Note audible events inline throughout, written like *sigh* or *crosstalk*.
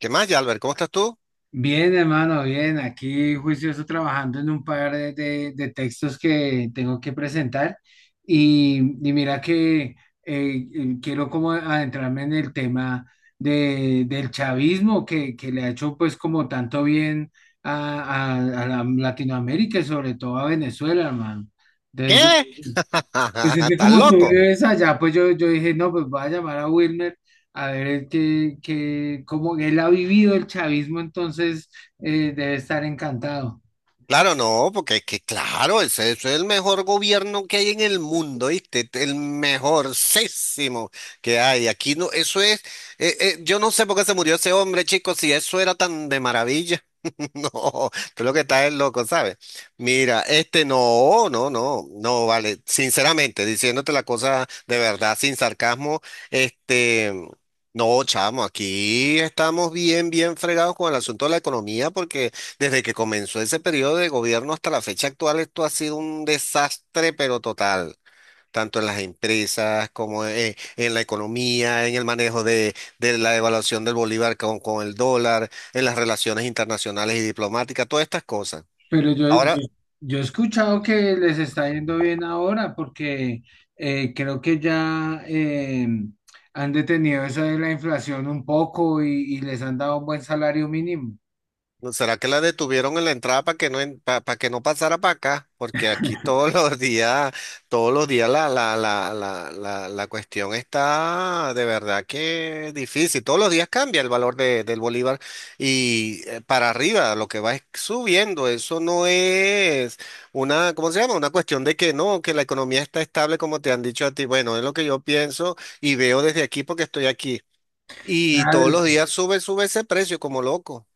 ¿Qué más, Albert? ¿Cómo estás tú? Bien, hermano, bien. Aquí juicioso trabajando en un par de textos que tengo que presentar. Y mira que quiero como adentrarme en el tema del chavismo que le ha hecho pues como tanto bien a Latinoamérica y sobre todo a Venezuela, hermano. Entonces ¿Qué? pues *laughs* es que ¿Estás como tú loco? vives allá, pues yo dije, no, pues voy a llamar a Wilmer a ver cómo él ha vivido el chavismo. Entonces debe estar encantado. Claro, no, porque es que, claro, ese es el mejor gobierno que hay en el mundo, ¿viste? El mejorcísimo que hay. Aquí no, eso es, yo no sé por qué se murió ese hombre, chicos, si eso era tan de maravilla. *laughs* No, tú lo que estás es loco, ¿sabes? Mira, este no, vale. Sinceramente, diciéndote la cosa de verdad, sin sarcasmo, este, no, chamo, aquí estamos bien, bien fregados con el asunto de la economía porque... Desde que comenzó ese periodo de gobierno hasta la fecha actual, esto ha sido un desastre, pero total, tanto en las empresas como en la economía, en el manejo de la evaluación del bolívar con el dólar, en las relaciones internacionales y diplomáticas, todas estas cosas. Pero yo, yo, Ahora, yo he escuchado que les está yendo bien ahora porque creo que ya han detenido eso de la inflación un poco y les han dado un buen salario mínimo. ¿No ¿Será que la detuvieron en la entrada para que no pasara para acá? Porque aquí todos *laughs* los días, todos los días la cuestión está de verdad que difícil. Todos los días cambia el valor del bolívar y para arriba lo que va es subiendo. Eso no es una, ¿cómo se llama? Una cuestión de que no, que la economía está estable como te han dicho a ti. Bueno, es lo que yo pienso y veo desde aquí porque estoy aquí. Y todos Claro. los días sube, sube ese precio como loco.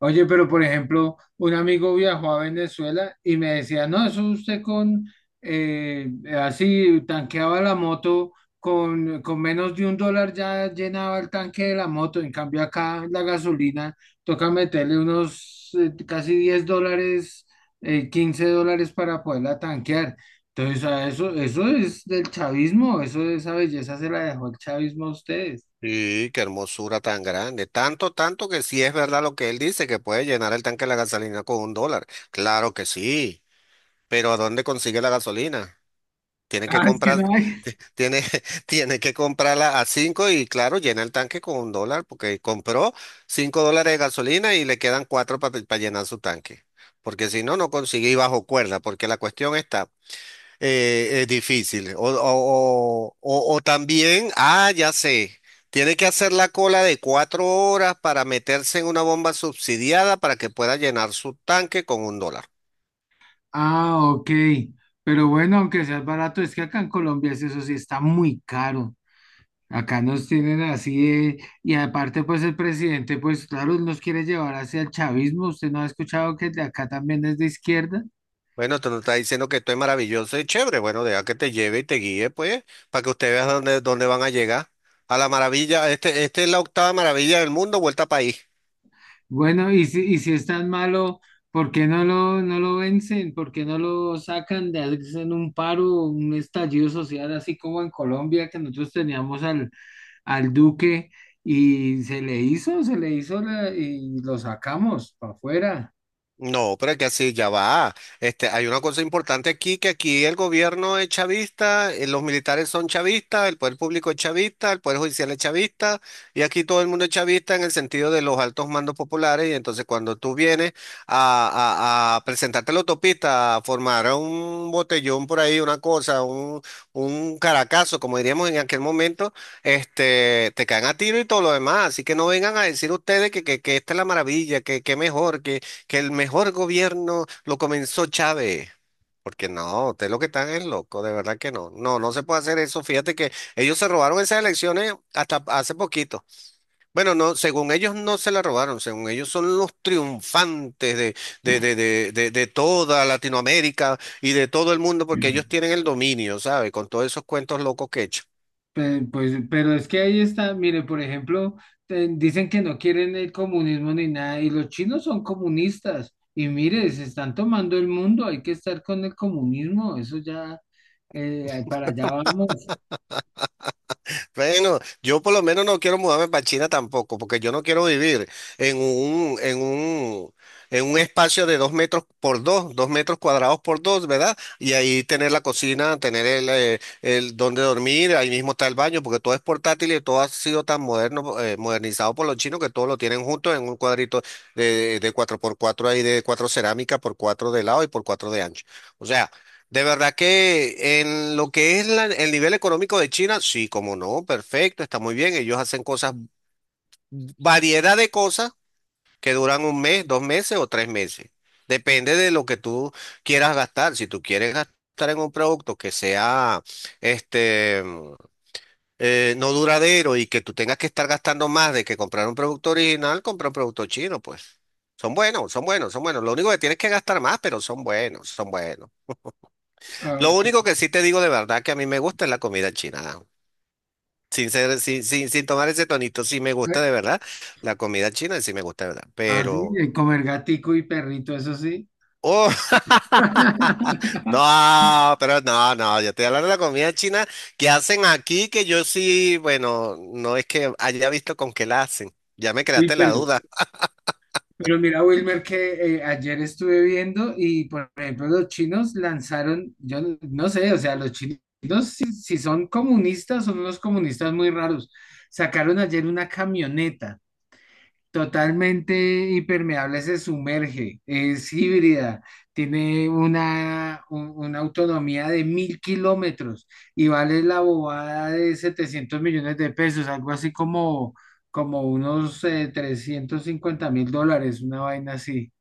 Oye, pero por ejemplo, un amigo viajó a Venezuela y me decía, no, eso usted eh, así tanqueaba la moto, con menos de $1 ya llenaba el tanque de la moto, en cambio acá la gasolina toca meterle unos casi $10, $15 para poderla tanquear. Entonces, a eso, eso es del chavismo, eso, esa belleza se la dejó el chavismo a ustedes. Sí, qué hermosura tan grande. Tanto, tanto que sí es verdad lo que él dice, que puede llenar el tanque de la gasolina con un dólar. Claro que sí. Pero ¿a dónde consigue la gasolina? Tiene que Ah, es que comprar, no hay. tiene, *laughs* tiene que comprarla a cinco y claro, llena el tanque con un dólar, porque compró cinco dólares de gasolina y le quedan cuatro para llenar su tanque. Porque si no, no consigue y bajo cuerda, porque la cuestión está. Es difícil. O también, ah, ya sé, tiene que hacer la cola de cuatro horas para meterse en una bomba subsidiada para que pueda llenar su tanque con un dólar. Ah, ok. Pero bueno, aunque sea barato, es que acá en Colombia es eso sí está muy caro. Acá nos tienen y aparte pues el presidente pues claro nos quiere llevar hacia el chavismo. ¿Usted no ha escuchado que el de acá también es de izquierda? Bueno, tú no estás diciendo que esto es maravilloso y chévere. Bueno, deja que te lleve y te guíe, pues, para que usted vea dónde, dónde van a llegar. A la maravilla, este es la octava maravilla del mundo, vuelta país. Bueno, y si es tan malo, ¿por qué no lo vencen? ¿Por qué no lo sacan? De Hacen un paro, un estallido social así como en Colombia que nosotros teníamos al Duque y se le hizo y lo sacamos para afuera. No, pero es que así ya va. Este, hay una cosa importante aquí, que aquí el gobierno es chavista, los militares son chavistas, el poder público es chavista, el poder judicial es chavista, y aquí todo el mundo es chavista en el sentido de los altos mandos populares, y entonces cuando tú vienes a presentarte a la autopista, a formar un botellón por ahí, una cosa, un caracazo, como diríamos en aquel momento, te caen a tiro y todo lo demás, así que no vengan a decir ustedes que esta es la maravilla, que mejor, que el mejor gobierno lo comenzó Chávez. Porque no, usted lo que están es loco, de verdad que no. No, no se puede hacer eso. Fíjate que ellos se robaron esas elecciones hasta hace poquito. Bueno, no, según ellos no se la robaron, según ellos son los triunfantes de toda Latinoamérica y de todo el mundo, porque ellos tienen el dominio, ¿sabe? Con todos esos cuentos locos que he hecho. Pues, pero es que ahí está, mire, por ejemplo, dicen que no quieren el comunismo ni nada, y los chinos son comunistas, y mire, se están tomando el mundo, hay que estar con el comunismo, eso ya, para allá vamos. Bueno, yo por lo menos no quiero mudarme para China tampoco, porque yo no quiero vivir en un, en un, en un espacio de dos metros por dos, dos metros cuadrados por dos, ¿verdad? Y ahí tener la cocina, tener el donde dormir, ahí mismo está el baño, porque todo es portátil y todo ha sido tan moderno, modernizado por los chinos que todo lo tienen junto en un cuadrito de cuatro por cuatro ahí de cuatro cerámica por cuatro de lado y por cuatro de ancho. O sea, de verdad que en lo que es el nivel económico de China, sí, como no, perfecto, está muy bien. Ellos hacen cosas, variedad de cosas que duran un mes, dos meses o tres meses. Depende de lo que tú quieras gastar. Si tú quieres gastar en un producto que sea este mm, no duradero y que tú tengas que estar gastando más de que comprar un producto original, compra un producto chino, pues. Son buenos, son buenos, son buenos. Lo único que tienes que gastar más, pero son buenos, son buenos. Ah, Lo que- único que sí te digo de verdad que a mí me gusta es la comida china. ¿No? Sin sin tomar ese tonito, sí me gusta eh, de verdad. La comida china sí me gusta de verdad. ah, sí, Pero, comer gatico y perrito, eso sí. oh, *laughs* *laughs* no, pero no, no, yo estoy hablando de la comida china que hacen aquí, que yo sí, bueno, no es que haya visto con qué la hacen. Ya me Uy, creaste la pero duda. Pero mira, Wilmer, que ayer estuve viendo y, por ejemplo, los chinos lanzaron, yo no sé, o sea, los chinos, si son comunistas, son unos comunistas muy raros. Sacaron ayer una camioneta totalmente impermeable, se sumerge, es híbrida, tiene una autonomía de 1.000 kilómetros y vale la bobada de 700 millones de pesos, algo así como, como unos $350.000, una vaina así,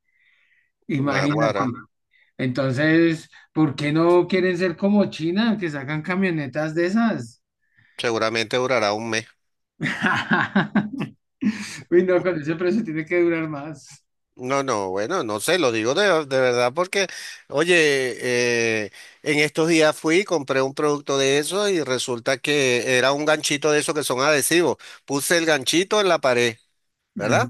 imagínate. Naguará, Entonces, ¿por qué no quieren ser como China, que sacan camionetas de esas? seguramente durará un mes. *laughs* Uy, no, con ese precio tiene que durar más. No, no, bueno, no sé, lo digo de verdad porque, oye, eh, en estos días fui, y compré un producto de eso y resulta que era un ganchito de esos que son adhesivos. Puse el ganchito en la pared, Ajá. ¿verdad?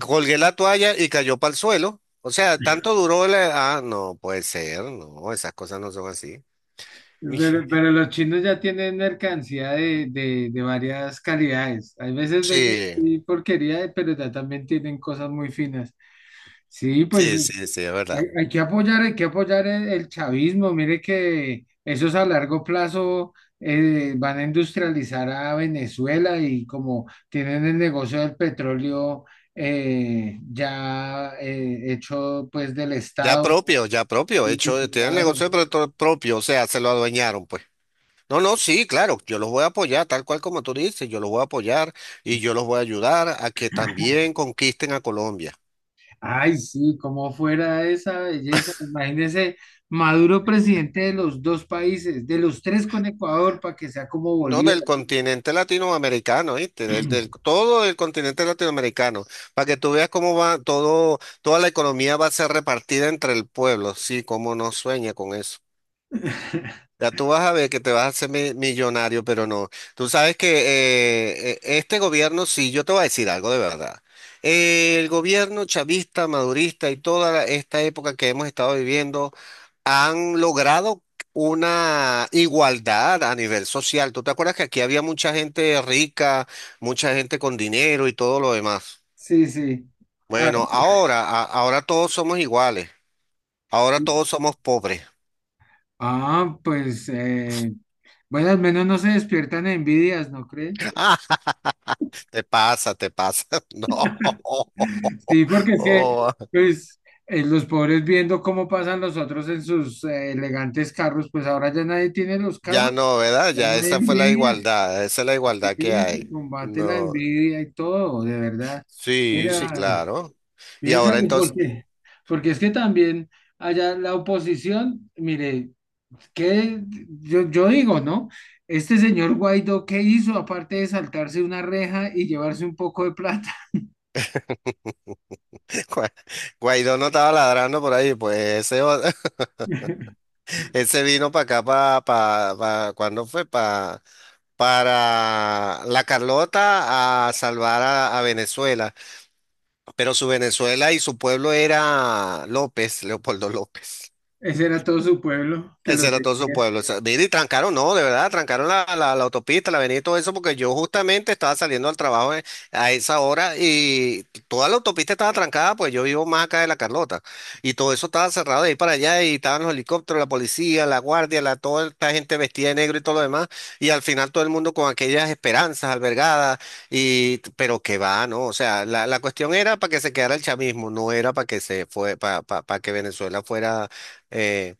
Colgué la toalla y cayó para el suelo. O sea, tanto duró la... Ah, no, puede ser, no, esas cosas no son así. Pero *laughs* los chinos ya tienen mercancía de varias calidades. Hay veces venden Sí, sí, porquería, pero ya también tienen cosas muy finas. Sí, pues sí, sí, sí, es hay, verdad. hay que apoyar, hay que apoyar el chavismo. Mire que esos a largo plazo van a industrializar a Venezuela y como tienen el negocio del petróleo ya hecho pues del Estado. Ya propio, Sí, hecho, tiene el claro. negocio propio, o sea, se lo adueñaron, pues. No, no, sí, claro, yo los voy a apoyar, tal cual como tú dices, yo los voy a apoyar y yo los voy a ayudar a que también conquisten a Colombia. Ay, sí, como fuera esa belleza. Imagínese, Maduro presidente de los dos países, de los tres con Ecuador, para que sea como No Bolívar. del continente latinoamericano, ¿viste? *clears throat* Todo el continente latinoamericano, para que tú veas cómo va todo, toda la economía va a ser repartida entre el pueblo, sí, cómo no sueña con eso. Ya tú vas a ver que te vas a hacer millonario, pero no. Tú sabes que este gobierno, sí, yo te voy a decir algo de verdad. El gobierno chavista, madurista y toda esta época que hemos estado viviendo han logrado una igualdad a nivel social. ¿Tú te acuerdas que aquí había mucha gente rica, mucha gente con dinero y todo lo demás? Sí, sí. Ah, Bueno, ahora, ahora todos somos iguales. Ahora todos somos pobres. ah, pues, bueno, al menos no se despiertan envidias, ¿no cree? *laughs* Te pasa, te pasa. *laughs* No. Sí, porque es que, Oh, pues, los pobres viendo cómo pasan los otros en sus elegantes carros, pues ahora ya nadie tiene los ya carros, no, ¿verdad? ya Ya nadie esa fue la envidia. igualdad, esa es la igualdad que Sí, se hay. combate la No. envidia y todo, de verdad. Sí, sí, Mira, claro. Y ahora piénsalo entonces, porque es que también allá la oposición, mire, que yo digo, ¿no? Este señor Guaidó, ¿qué hizo aparte de saltarse una reja y llevarse un poco de plata? *laughs* Gua- Guaidó no estaba ladrando por ahí, pues ese, o- *laughs* ese vino para acá, para, ¿cuándo fue? Para la Carlota a salvar a Venezuela. Pero su Venezuela y su pueblo era López, Leopoldo López. *laughs* Ese era todo su pueblo que lo Ese era todo su seguía. pueblo. O sea, mira, y trancaron, no, de verdad, trancaron la autopista, la avenida y todo eso, porque yo justamente estaba saliendo al trabajo a esa hora y toda la autopista estaba trancada, pues yo vivo más acá de La Carlota. Y todo eso estaba cerrado de ahí para allá y estaban los helicópteros, la policía, la guardia, la, toda esta gente vestida de negro y todo lo demás. Y al final todo el mundo con aquellas esperanzas albergadas, y, pero que va, ¿no? O sea, la cuestión era para que se quedara el chavismo, no era para que se fue, para que Venezuela fuera. eh,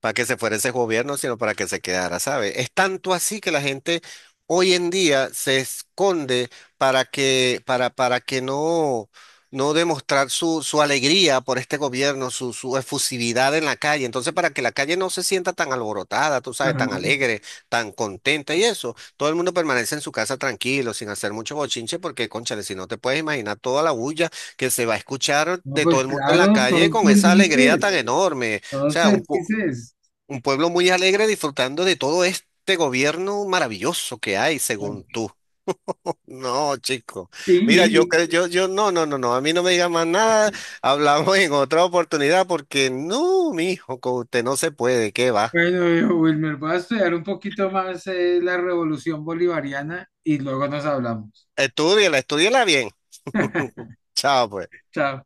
para que se fuera ese gobierno, sino para que se quedara, ¿sabe? Es tanto así que la gente hoy en día se esconde para que no, no demostrar su, su alegría por este gobierno, su efusividad en la calle. Entonces, para que la calle no se sienta tan alborotada, tú sabes, tan Ajá. alegre, tan contenta y eso, todo el mundo permanece en su casa tranquilo, sin hacer mucho bochinche, porque, cónchale, si no te puedes imaginar toda la bulla que se va a escuchar No, de todo pues el mundo en la claro, calle todos con esa alegría tan felices, enorme. O todos sea, un, pu- felices. un pueblo muy alegre disfrutando de todo este gobierno maravilloso que hay, según tú. No, chico. Y, Mira, yo y- creo, no, no, no, no, a mí no me diga más nada. Hablamos en otra oportunidad porque no, mi hijo, con usted no se puede, ¿qué va? Bueno, viejo Wilmer, voy a estudiar un poquito más la revolución bolivariana y luego nos hablamos. Estúdiala, estúdiala bien. *laughs* Chao, pues. Chao.